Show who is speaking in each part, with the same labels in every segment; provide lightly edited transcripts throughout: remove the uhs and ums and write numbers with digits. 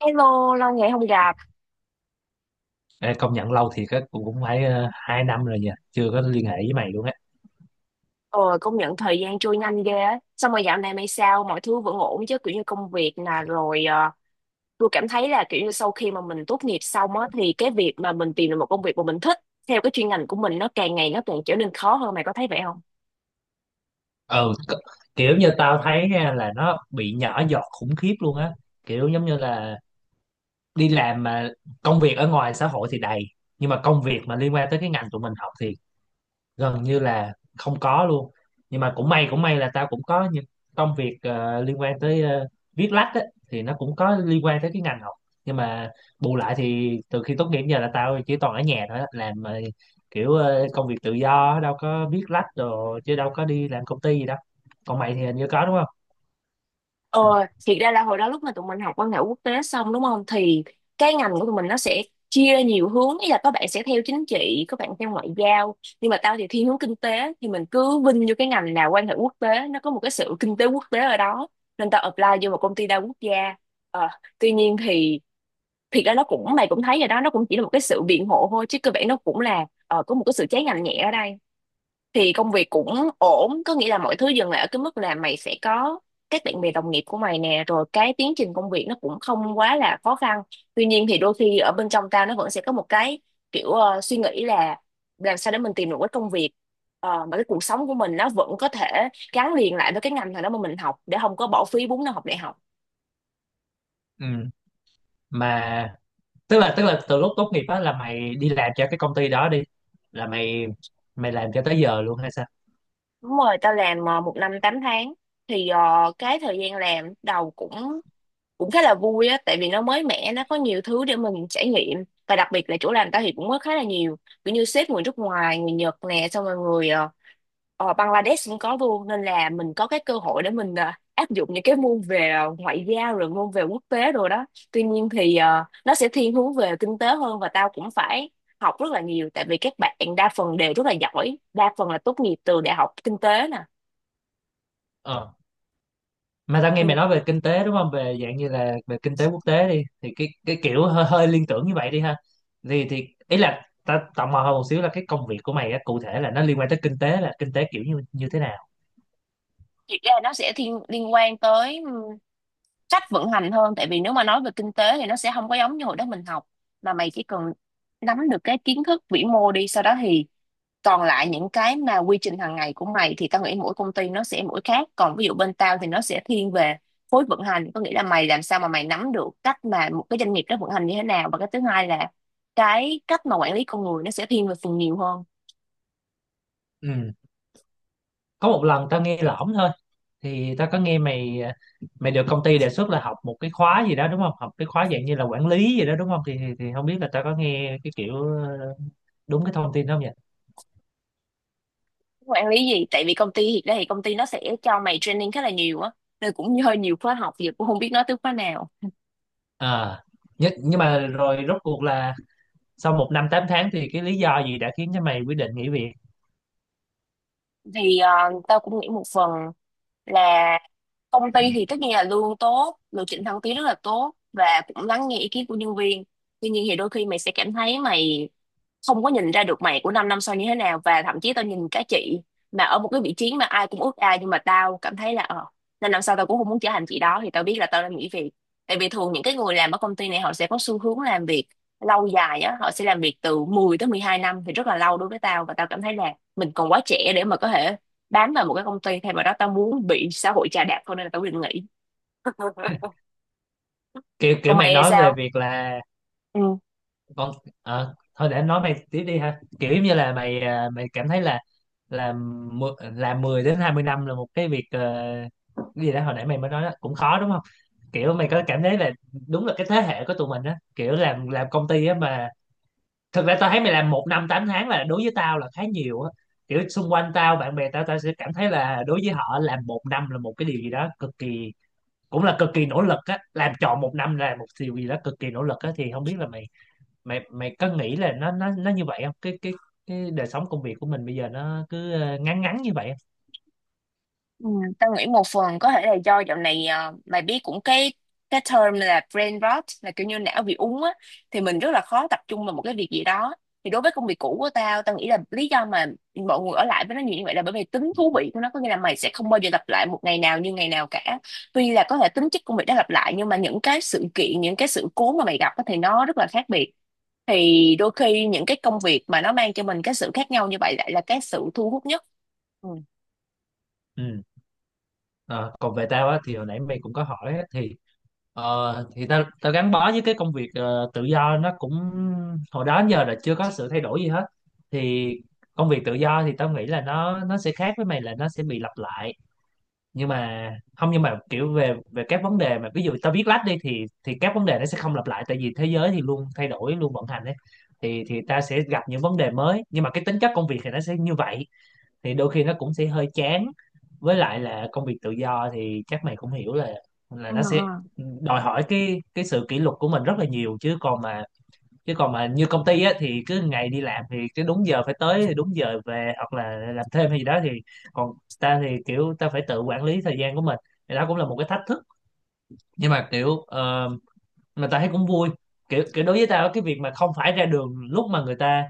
Speaker 1: Hello, lâu ngày không gặp.
Speaker 2: Ê, công nhận lâu thiệt á cũng cũng phải 2 năm rồi nha, chưa có liên hệ với mày luôn á.
Speaker 1: Ờ, công nhận thời gian trôi nhanh ghê á. Xong rồi dạo này mày sao? Mọi thứ vẫn ổn chứ? Kiểu như công việc nè, rồi tôi cảm thấy là kiểu như sau khi mà mình tốt nghiệp xong á, thì cái việc mà mình tìm được một công việc mà mình thích theo cái chuyên ngành của mình nó càng ngày nó càng trở nên khó hơn. Mày có thấy vậy không?
Speaker 2: ừ c- Kiểu như tao thấy nha là nó bị nhỏ giọt khủng khiếp luôn á. Kiểu giống như là đi làm mà công việc ở ngoài xã hội thì đầy, nhưng mà công việc mà liên quan tới cái ngành tụi mình học thì gần như là không có luôn. Nhưng mà cũng may là tao cũng có những công việc liên quan tới viết lách á, thì nó cũng có liên quan tới cái ngành học. Nhưng mà bù lại thì từ khi tốt nghiệp đến giờ là tao chỉ toàn ở nhà thôi á, làm kiểu công việc tự do, đâu có viết lách đồ chứ đâu có đi làm công ty gì đâu. Còn mày thì hình như có, đúng không?
Speaker 1: Ờ, thiệt ra là hồi đó lúc mà tụi mình học quan hệ quốc tế xong đúng không, thì cái ngành của tụi mình nó sẽ chia nhiều hướng, ý là có bạn sẽ theo chính trị, có bạn theo ngoại giao, nhưng mà tao thì thiên hướng kinh tế thì mình cứ vinh vô cái ngành nào quan hệ quốc tế nó có một cái sự kinh tế quốc tế ở đó, nên tao apply vô một công ty đa quốc gia. Ờ, Tuy nhiên thì thiệt ra nó cũng mày cũng thấy rồi đó, nó cũng chỉ là một cái sự biện hộ thôi, chứ cơ bản nó cũng là có một cái sự trái ngành nhẹ ở đây. Thì công việc cũng ổn, có nghĩa là mọi thứ dừng lại ở cái mức là mày sẽ có các bạn bè đồng nghiệp của mày nè, rồi cái tiến trình công việc nó cũng không quá là khó khăn. Tuy nhiên thì đôi khi ở bên trong ta nó vẫn sẽ có một cái kiểu suy nghĩ là làm sao để mình tìm được cái công việc mà cái cuộc sống của mình nó vẫn có thể gắn liền lại với cái ngành thằng đó mà mình học để không có bỏ phí 4 năm học đại học.
Speaker 2: Ừ. Mà tức là từ lúc tốt nghiệp á là mày đi làm cho cái công ty đó đi, là mày mày làm cho tới giờ luôn hay
Speaker 1: Đúng rồi, tao làm 1 năm 8 tháng. Thì cái thời gian làm đầu cũng cũng khá là vui á, tại vì nó mới mẻ, nó có nhiều thứ để mình trải nghiệm. Và đặc biệt là chỗ làm tao thì cũng có khá là nhiều kiểu như sếp người nước ngoài, người Nhật nè, xong rồi người Bangladesh cũng có luôn, nên là mình có cái cơ hội để mình áp dụng những cái môn về ngoại giao, rồi môn về quốc tế rồi đó. Tuy nhiên thì nó sẽ thiên hướng về kinh tế hơn, và tao cũng phải học rất là nhiều tại vì các bạn đa phần đều rất là giỏi, đa phần là tốt nghiệp từ đại học kinh tế nè.
Speaker 2: sao? Mà tao nghe mày
Speaker 1: Ừ.
Speaker 2: nói về kinh tế, đúng không, về dạng như là về kinh tế quốc tế đi, thì cái kiểu hơi liên tưởng như vậy đi ha. Thì ý là tao tò mò hơn một xíu là cái công việc của mày á, cụ thể là nó liên quan tới kinh tế, là kinh tế kiểu như như thế nào?
Speaker 1: Thì ra nó sẽ thiên liên quan tới cách vận hành hơn, tại vì nếu mà nói về kinh tế thì nó sẽ không có giống như hồi đó mình học, mà mày chỉ cần nắm được cái kiến thức vĩ mô đi, sau đó thì còn lại những cái mà quy trình hàng ngày của mày thì tao nghĩ mỗi công ty nó sẽ mỗi khác. Còn ví dụ bên tao thì nó sẽ thiên về khối vận hành, có nghĩa là mày làm sao mà mày nắm được cách mà một cái doanh nghiệp nó vận hành như thế nào, và cái thứ hai là cái cách mà quản lý con người nó sẽ thiên về phần nhiều hơn.
Speaker 2: Ừ. Có một lần tao nghe lỏm thôi, thì tao có nghe mày, mày được công ty đề xuất là học một cái khóa gì đó, đúng không, học cái khóa dạng như là quản lý gì đó, đúng không, thì không biết là tao có nghe cái kiểu đúng cái thông tin đó không vậy?
Speaker 1: Quản lý gì, tại vì công ty hiện đây thì công ty nó sẽ cho mày training khá là nhiều á, nên cũng hơi nhiều khóa học giờ cũng không biết nói tới khóa nào.
Speaker 2: À, nhưng mà rồi rốt cuộc là sau 1 năm 8 tháng thì cái lý do gì đã khiến cho mày quyết định nghỉ việc?
Speaker 1: Thì tao cũng nghĩ một phần là công ty thì tất nhiên là lương tốt, lộ trình thăng tiến rất là tốt và cũng lắng nghe ý kiến của nhân viên. Tuy nhiên thì đôi khi mày sẽ cảm thấy mày không có nhìn ra được mày của 5 năm sau như thế nào, và thậm chí tao nhìn các chị mà ở một cái vị trí mà ai cũng ước ao, nhưng mà tao cảm thấy là 5 năm sau tao cũng không muốn trở thành chị đó, thì tao biết là tao đang nghỉ việc. Tại vì thường những cái người làm ở công ty này họ sẽ có xu hướng làm việc lâu dài á, họ sẽ làm việc từ 10 tới 12 năm thì rất là lâu đối với tao, và tao cảm thấy là mình còn quá trẻ để mà có thể bám vào một cái công ty. Thay vào đó tao muốn bị xã hội chà đạp hơn nên là tao quyết định nghỉ.
Speaker 2: Kiểu kiểu
Speaker 1: Còn
Speaker 2: mày
Speaker 1: mày thì
Speaker 2: nói về
Speaker 1: sao?
Speaker 2: việc là
Speaker 1: Ừ.
Speaker 2: con thôi để anh nói, mày tiếp đi ha. Kiểu giống như là mày, à, mày cảm thấy là là là 10 đến 20 năm là một cái việc, cái gì đó hồi nãy mày mới nói đó, cũng khó đúng không? Kiểu mày có cảm thấy là đúng là cái thế hệ của tụi mình á, kiểu làm công ty á, mà thực ra tao thấy mày làm 1 năm 8 tháng là đối với tao là khá nhiều á. Kiểu xung quanh tao bạn bè tao tao sẽ cảm thấy là đối với họ làm 1 năm là một cái điều gì đó cực kỳ, cũng là cực kỳ nỗ lực á, làm trọn 1 năm là một điều gì đó cực kỳ nỗ lực á. Thì không biết là mày, mày có nghĩ là nó như vậy không, cái đời sống công việc của mình bây giờ nó cứ ngắn ngắn như vậy không?
Speaker 1: Ừ, tao nghĩ một phần có thể là do dạo này mày biết cũng cái term là brain rot, là kiểu như não bị úng á, thì mình rất là khó tập trung vào một cái việc gì đó. Thì đối với công việc cũ của tao, tao nghĩ là lý do mà mọi người ở lại với nó nhiều như vậy là bởi vì tính thú vị của nó, có nghĩa là mày sẽ không bao giờ lặp lại một ngày nào như ngày nào cả. Tuy là có thể tính chất công việc đã lặp lại, nhưng mà những cái sự kiện, những cái sự cố mà mày gặp á thì nó rất là khác biệt. Thì đôi khi những cái công việc mà nó mang cho mình cái sự khác nhau như vậy lại là cái sự thu hút nhất. Ừ.
Speaker 2: Ừ. Ờ, còn về tao á thì hồi nãy mày cũng có hỏi á, thì thì tao tao gắn bó với cái công việc tự do, nó cũng hồi đó đến giờ là chưa có sự thay đổi gì hết. Thì công việc tự do thì tao nghĩ là nó sẽ khác với mày là nó sẽ bị lặp lại. Nhưng mà không, nhưng mà kiểu về về các vấn đề mà ví dụ tao viết lách đi, thì các vấn đề nó sẽ không lặp lại tại vì thế giới thì luôn thay đổi, luôn vận hành ấy. Thì ta sẽ gặp những vấn đề mới nhưng mà cái tính chất công việc thì nó sẽ như vậy, thì đôi khi nó cũng sẽ hơi chán. Với lại là công việc tự do thì chắc mày cũng hiểu là
Speaker 1: Ừ,
Speaker 2: nó sẽ
Speaker 1: ừ.
Speaker 2: đòi hỏi cái sự kỷ luật của mình rất là nhiều, chứ còn mà như công ty á thì cứ ngày đi làm thì cái đúng giờ phải tới thì đúng giờ về hoặc là làm thêm hay gì đó thì, còn ta thì kiểu ta phải tự quản lý thời gian của mình, thì đó cũng là một cái thách thức. Nhưng mà kiểu mà ta thấy cũng vui. Kiểu kiểu đối với tao cái việc mà không phải ra đường lúc mà người ta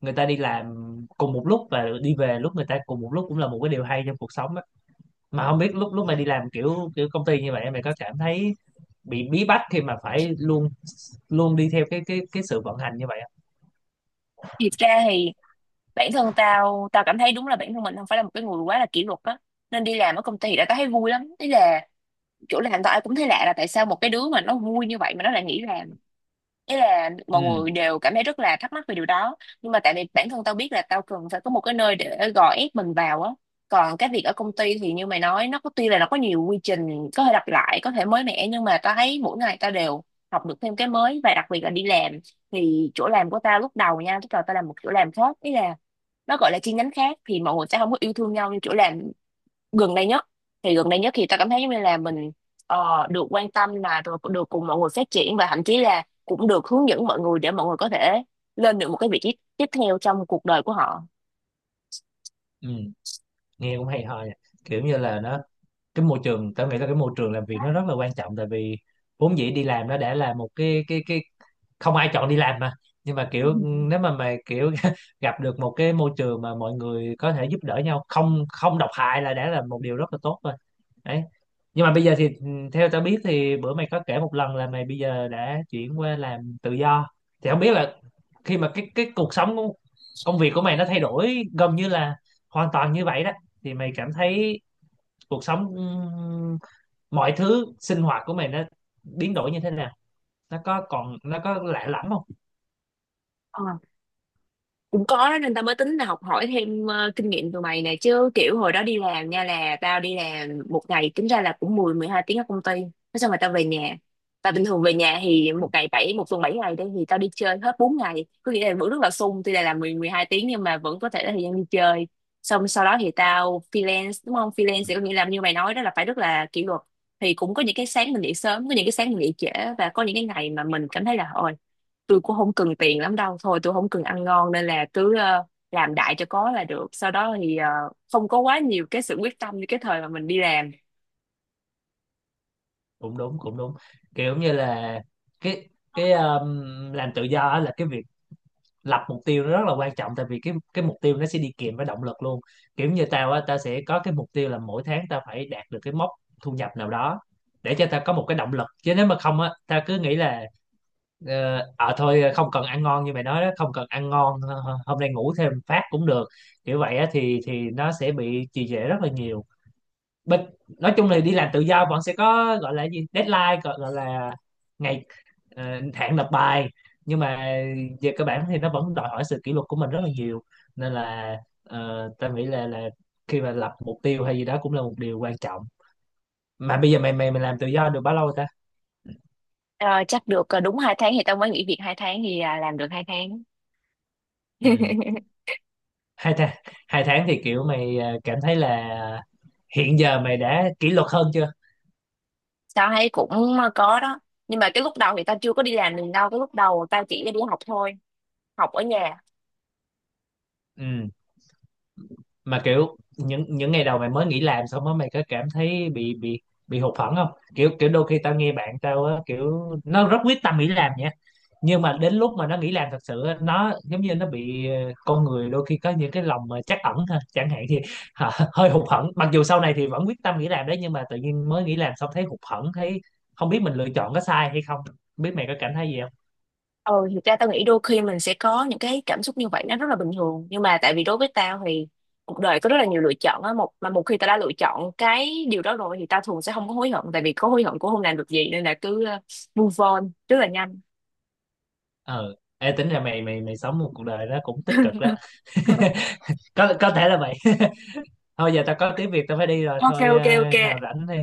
Speaker 2: người ta đi làm cùng một lúc và đi về lúc người ta cùng một lúc cũng là một cái điều hay trong cuộc sống á. Mà không biết lúc lúc mày đi làm kiểu kiểu công ty như vậy mày có cảm thấy bị bí bách khi mà phải luôn luôn đi theo cái sự vận hành như vậy không?
Speaker 1: Thì thực ra thì bản thân tao tao cảm thấy đúng là bản thân mình không phải là một cái người quá là kỷ luật á, nên đi làm ở công ty thì đã tao thấy vui lắm, ý là chỗ làm tao ai cũng thấy lạ là tại sao một cái đứa mà nó vui như vậy mà nó lại nghỉ làm, ý là mọi
Speaker 2: Ừ,
Speaker 1: người đều cảm thấy rất là thắc mắc về điều đó. Nhưng mà tại vì bản thân tao biết là tao cần phải có một cái nơi để gò ép mình vào á. Còn cái việc ở công ty thì như mày nói nó có, tuy là nó có nhiều quy trình có thể lặp lại, có thể mới mẻ, nhưng mà tao thấy mỗi ngày tao đều học được thêm cái mới. Và đặc biệt là đi làm thì chỗ làm của tao lúc đầu nha, lúc đầu tao làm một chỗ làm khác, ý là nó gọi là chi nhánh khác, thì mọi người sẽ không có yêu thương nhau như chỗ làm gần đây nhất. Thì gần đây nhất thì ta cảm thấy giống như là mình được quan tâm, là được, được cùng mọi người phát triển và thậm chí là cũng được hướng dẫn mọi người để mọi người có thể lên được một cái vị trí tiếp theo trong cuộc đời của họ.
Speaker 2: ừ, nghe cũng hay ho nha. Kiểu như là nó, cái môi trường, tao nghĩ là cái môi trường làm việc nó rất là quan trọng, tại vì vốn dĩ đi làm nó đã là một cái... không ai chọn đi làm mà, nhưng mà kiểu nếu mà mày kiểu gặp được một cái môi trường mà mọi người có thể giúp đỡ nhau, không không độc hại là đã là một điều rất là tốt rồi đấy. Nhưng mà bây giờ thì theo tao biết thì bữa mày có kể một lần là mày bây giờ đã chuyển qua làm tự do, thì không biết là khi mà cái cuộc sống của công việc của mày nó thay đổi gần như là hoàn toàn như vậy đó, thì mày cảm thấy cuộc sống, mọi thứ sinh hoạt của mày nó biến đổi như thế nào, nó có còn, nó có lạ lẫm không?
Speaker 1: Ờ, cũng có đó nên tao mới tính là học hỏi thêm kinh nghiệm từ mày nè, chứ kiểu hồi đó đi làm nha là tao đi làm một ngày tính ra là cũng 10 12 tiếng ở công ty. Thế xong rồi tao về nhà, và bình thường về nhà thì một ngày bảy một tuần 7 ngày đây thì tao đi chơi hết 4 ngày, có nghĩa là vẫn rất là sung, tuy là làm 10 12 tiếng nhưng mà vẫn có thể là thời gian đi chơi. Xong sau đó thì tao freelance đúng không, freelance thì có nghĩa là như mày nói đó là phải rất là kỷ luật. Thì cũng có những cái sáng mình dậy sớm, có những cái sáng mình dậy trễ, và có những cái ngày mà mình cảm thấy là ôi, tôi cũng không cần tiền lắm đâu, thôi tôi không cần ăn ngon, nên là cứ làm đại cho có là được. Sau đó thì không có quá nhiều cái sự quyết tâm như cái thời mà mình đi làm.
Speaker 2: Cũng đúng, cũng đúng. Kiểu như là cái cái làm tự do á là cái việc lập mục tiêu nó rất là quan trọng, tại vì cái mục tiêu nó sẽ đi kèm với động lực luôn. Kiểu như tao á, tao sẽ có cái mục tiêu là mỗi tháng tao phải đạt được cái mốc thu nhập nào đó, để cho tao có một cái động lực, chứ nếu mà không á tao cứ nghĩ là thôi không cần ăn ngon như mày nói đó, không cần ăn ngon, hôm nay ngủ thêm phát cũng được. Kiểu vậy á thì nó sẽ bị trì trệ rất là nhiều. Bên, nói chung là đi làm tự do bọn sẽ có gọi là gì, deadline, gọi là ngày, hạn nộp bài. Nhưng mà về cơ bản thì nó vẫn đòi hỏi sự kỷ luật của mình rất là nhiều, nên là tao nghĩ là khi mà lập mục tiêu hay gì đó cũng là một điều quan trọng. Mà bây giờ mày, mày làm tự do được bao lâu ta?
Speaker 1: Ờ, chắc được đúng 2 tháng thì tao mới nghỉ việc 2 tháng, thì làm được 2 tháng.
Speaker 2: Ừ. 2 tháng. 2 tháng thì kiểu mày cảm thấy là hiện giờ mày đã kỷ luật hơn chưa?
Speaker 1: Tao thấy cũng có đó, nhưng mà cái lúc đầu thì tao chưa có đi làm mình đâu, cái lúc đầu tao chỉ đi học thôi, học ở nhà.
Speaker 2: Ừ. Mà kiểu những ngày đầu mày mới nghỉ làm xong á, mày có cảm thấy bị, bị hụt hẫng không? Kiểu kiểu đôi khi tao nghe bạn tao á, kiểu nó rất quyết tâm nghỉ làm nha, nhưng mà đến lúc mà nó nghỉ làm thật sự á, nó giống như nó bị con người đôi khi có những cái lòng mà trắc ẩn ha chẳng hạn, thì hả, hơi hụt hẫng, mặc dù sau này thì vẫn quyết tâm nghỉ làm đấy, nhưng mà tự nhiên mới nghỉ làm xong thấy hụt hẫng, thấy không biết mình lựa chọn có sai hay không. Không biết mày có cảm thấy gì không?
Speaker 1: Ừ, thực ra tao nghĩ đôi khi mình sẽ có những cái cảm xúc như vậy nó rất là bình thường, nhưng mà tại vì đối với tao thì cuộc đời có rất là nhiều lựa chọn á, một mà một khi tao đã lựa chọn cái điều đó rồi thì tao thường sẽ không có hối hận, tại vì có hối hận cũng không làm được gì nên là cứ move on rất là nhanh.
Speaker 2: Ờ Ê, tính ra mày, mày sống một cuộc đời nó cũng tích cực đó. Có thể là vậy. Thôi giờ tao có tiếng Việt tao phải đi rồi.
Speaker 1: Ok
Speaker 2: Thôi
Speaker 1: ok ok.
Speaker 2: nào rảnh thì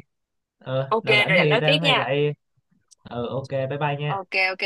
Speaker 1: Ok
Speaker 2: nào rảnh
Speaker 1: rồi anh
Speaker 2: thì
Speaker 1: nói tiếp
Speaker 2: tao mày
Speaker 1: nha.
Speaker 2: lại. Ờ, OK, bye bye nha.
Speaker 1: Ok ok.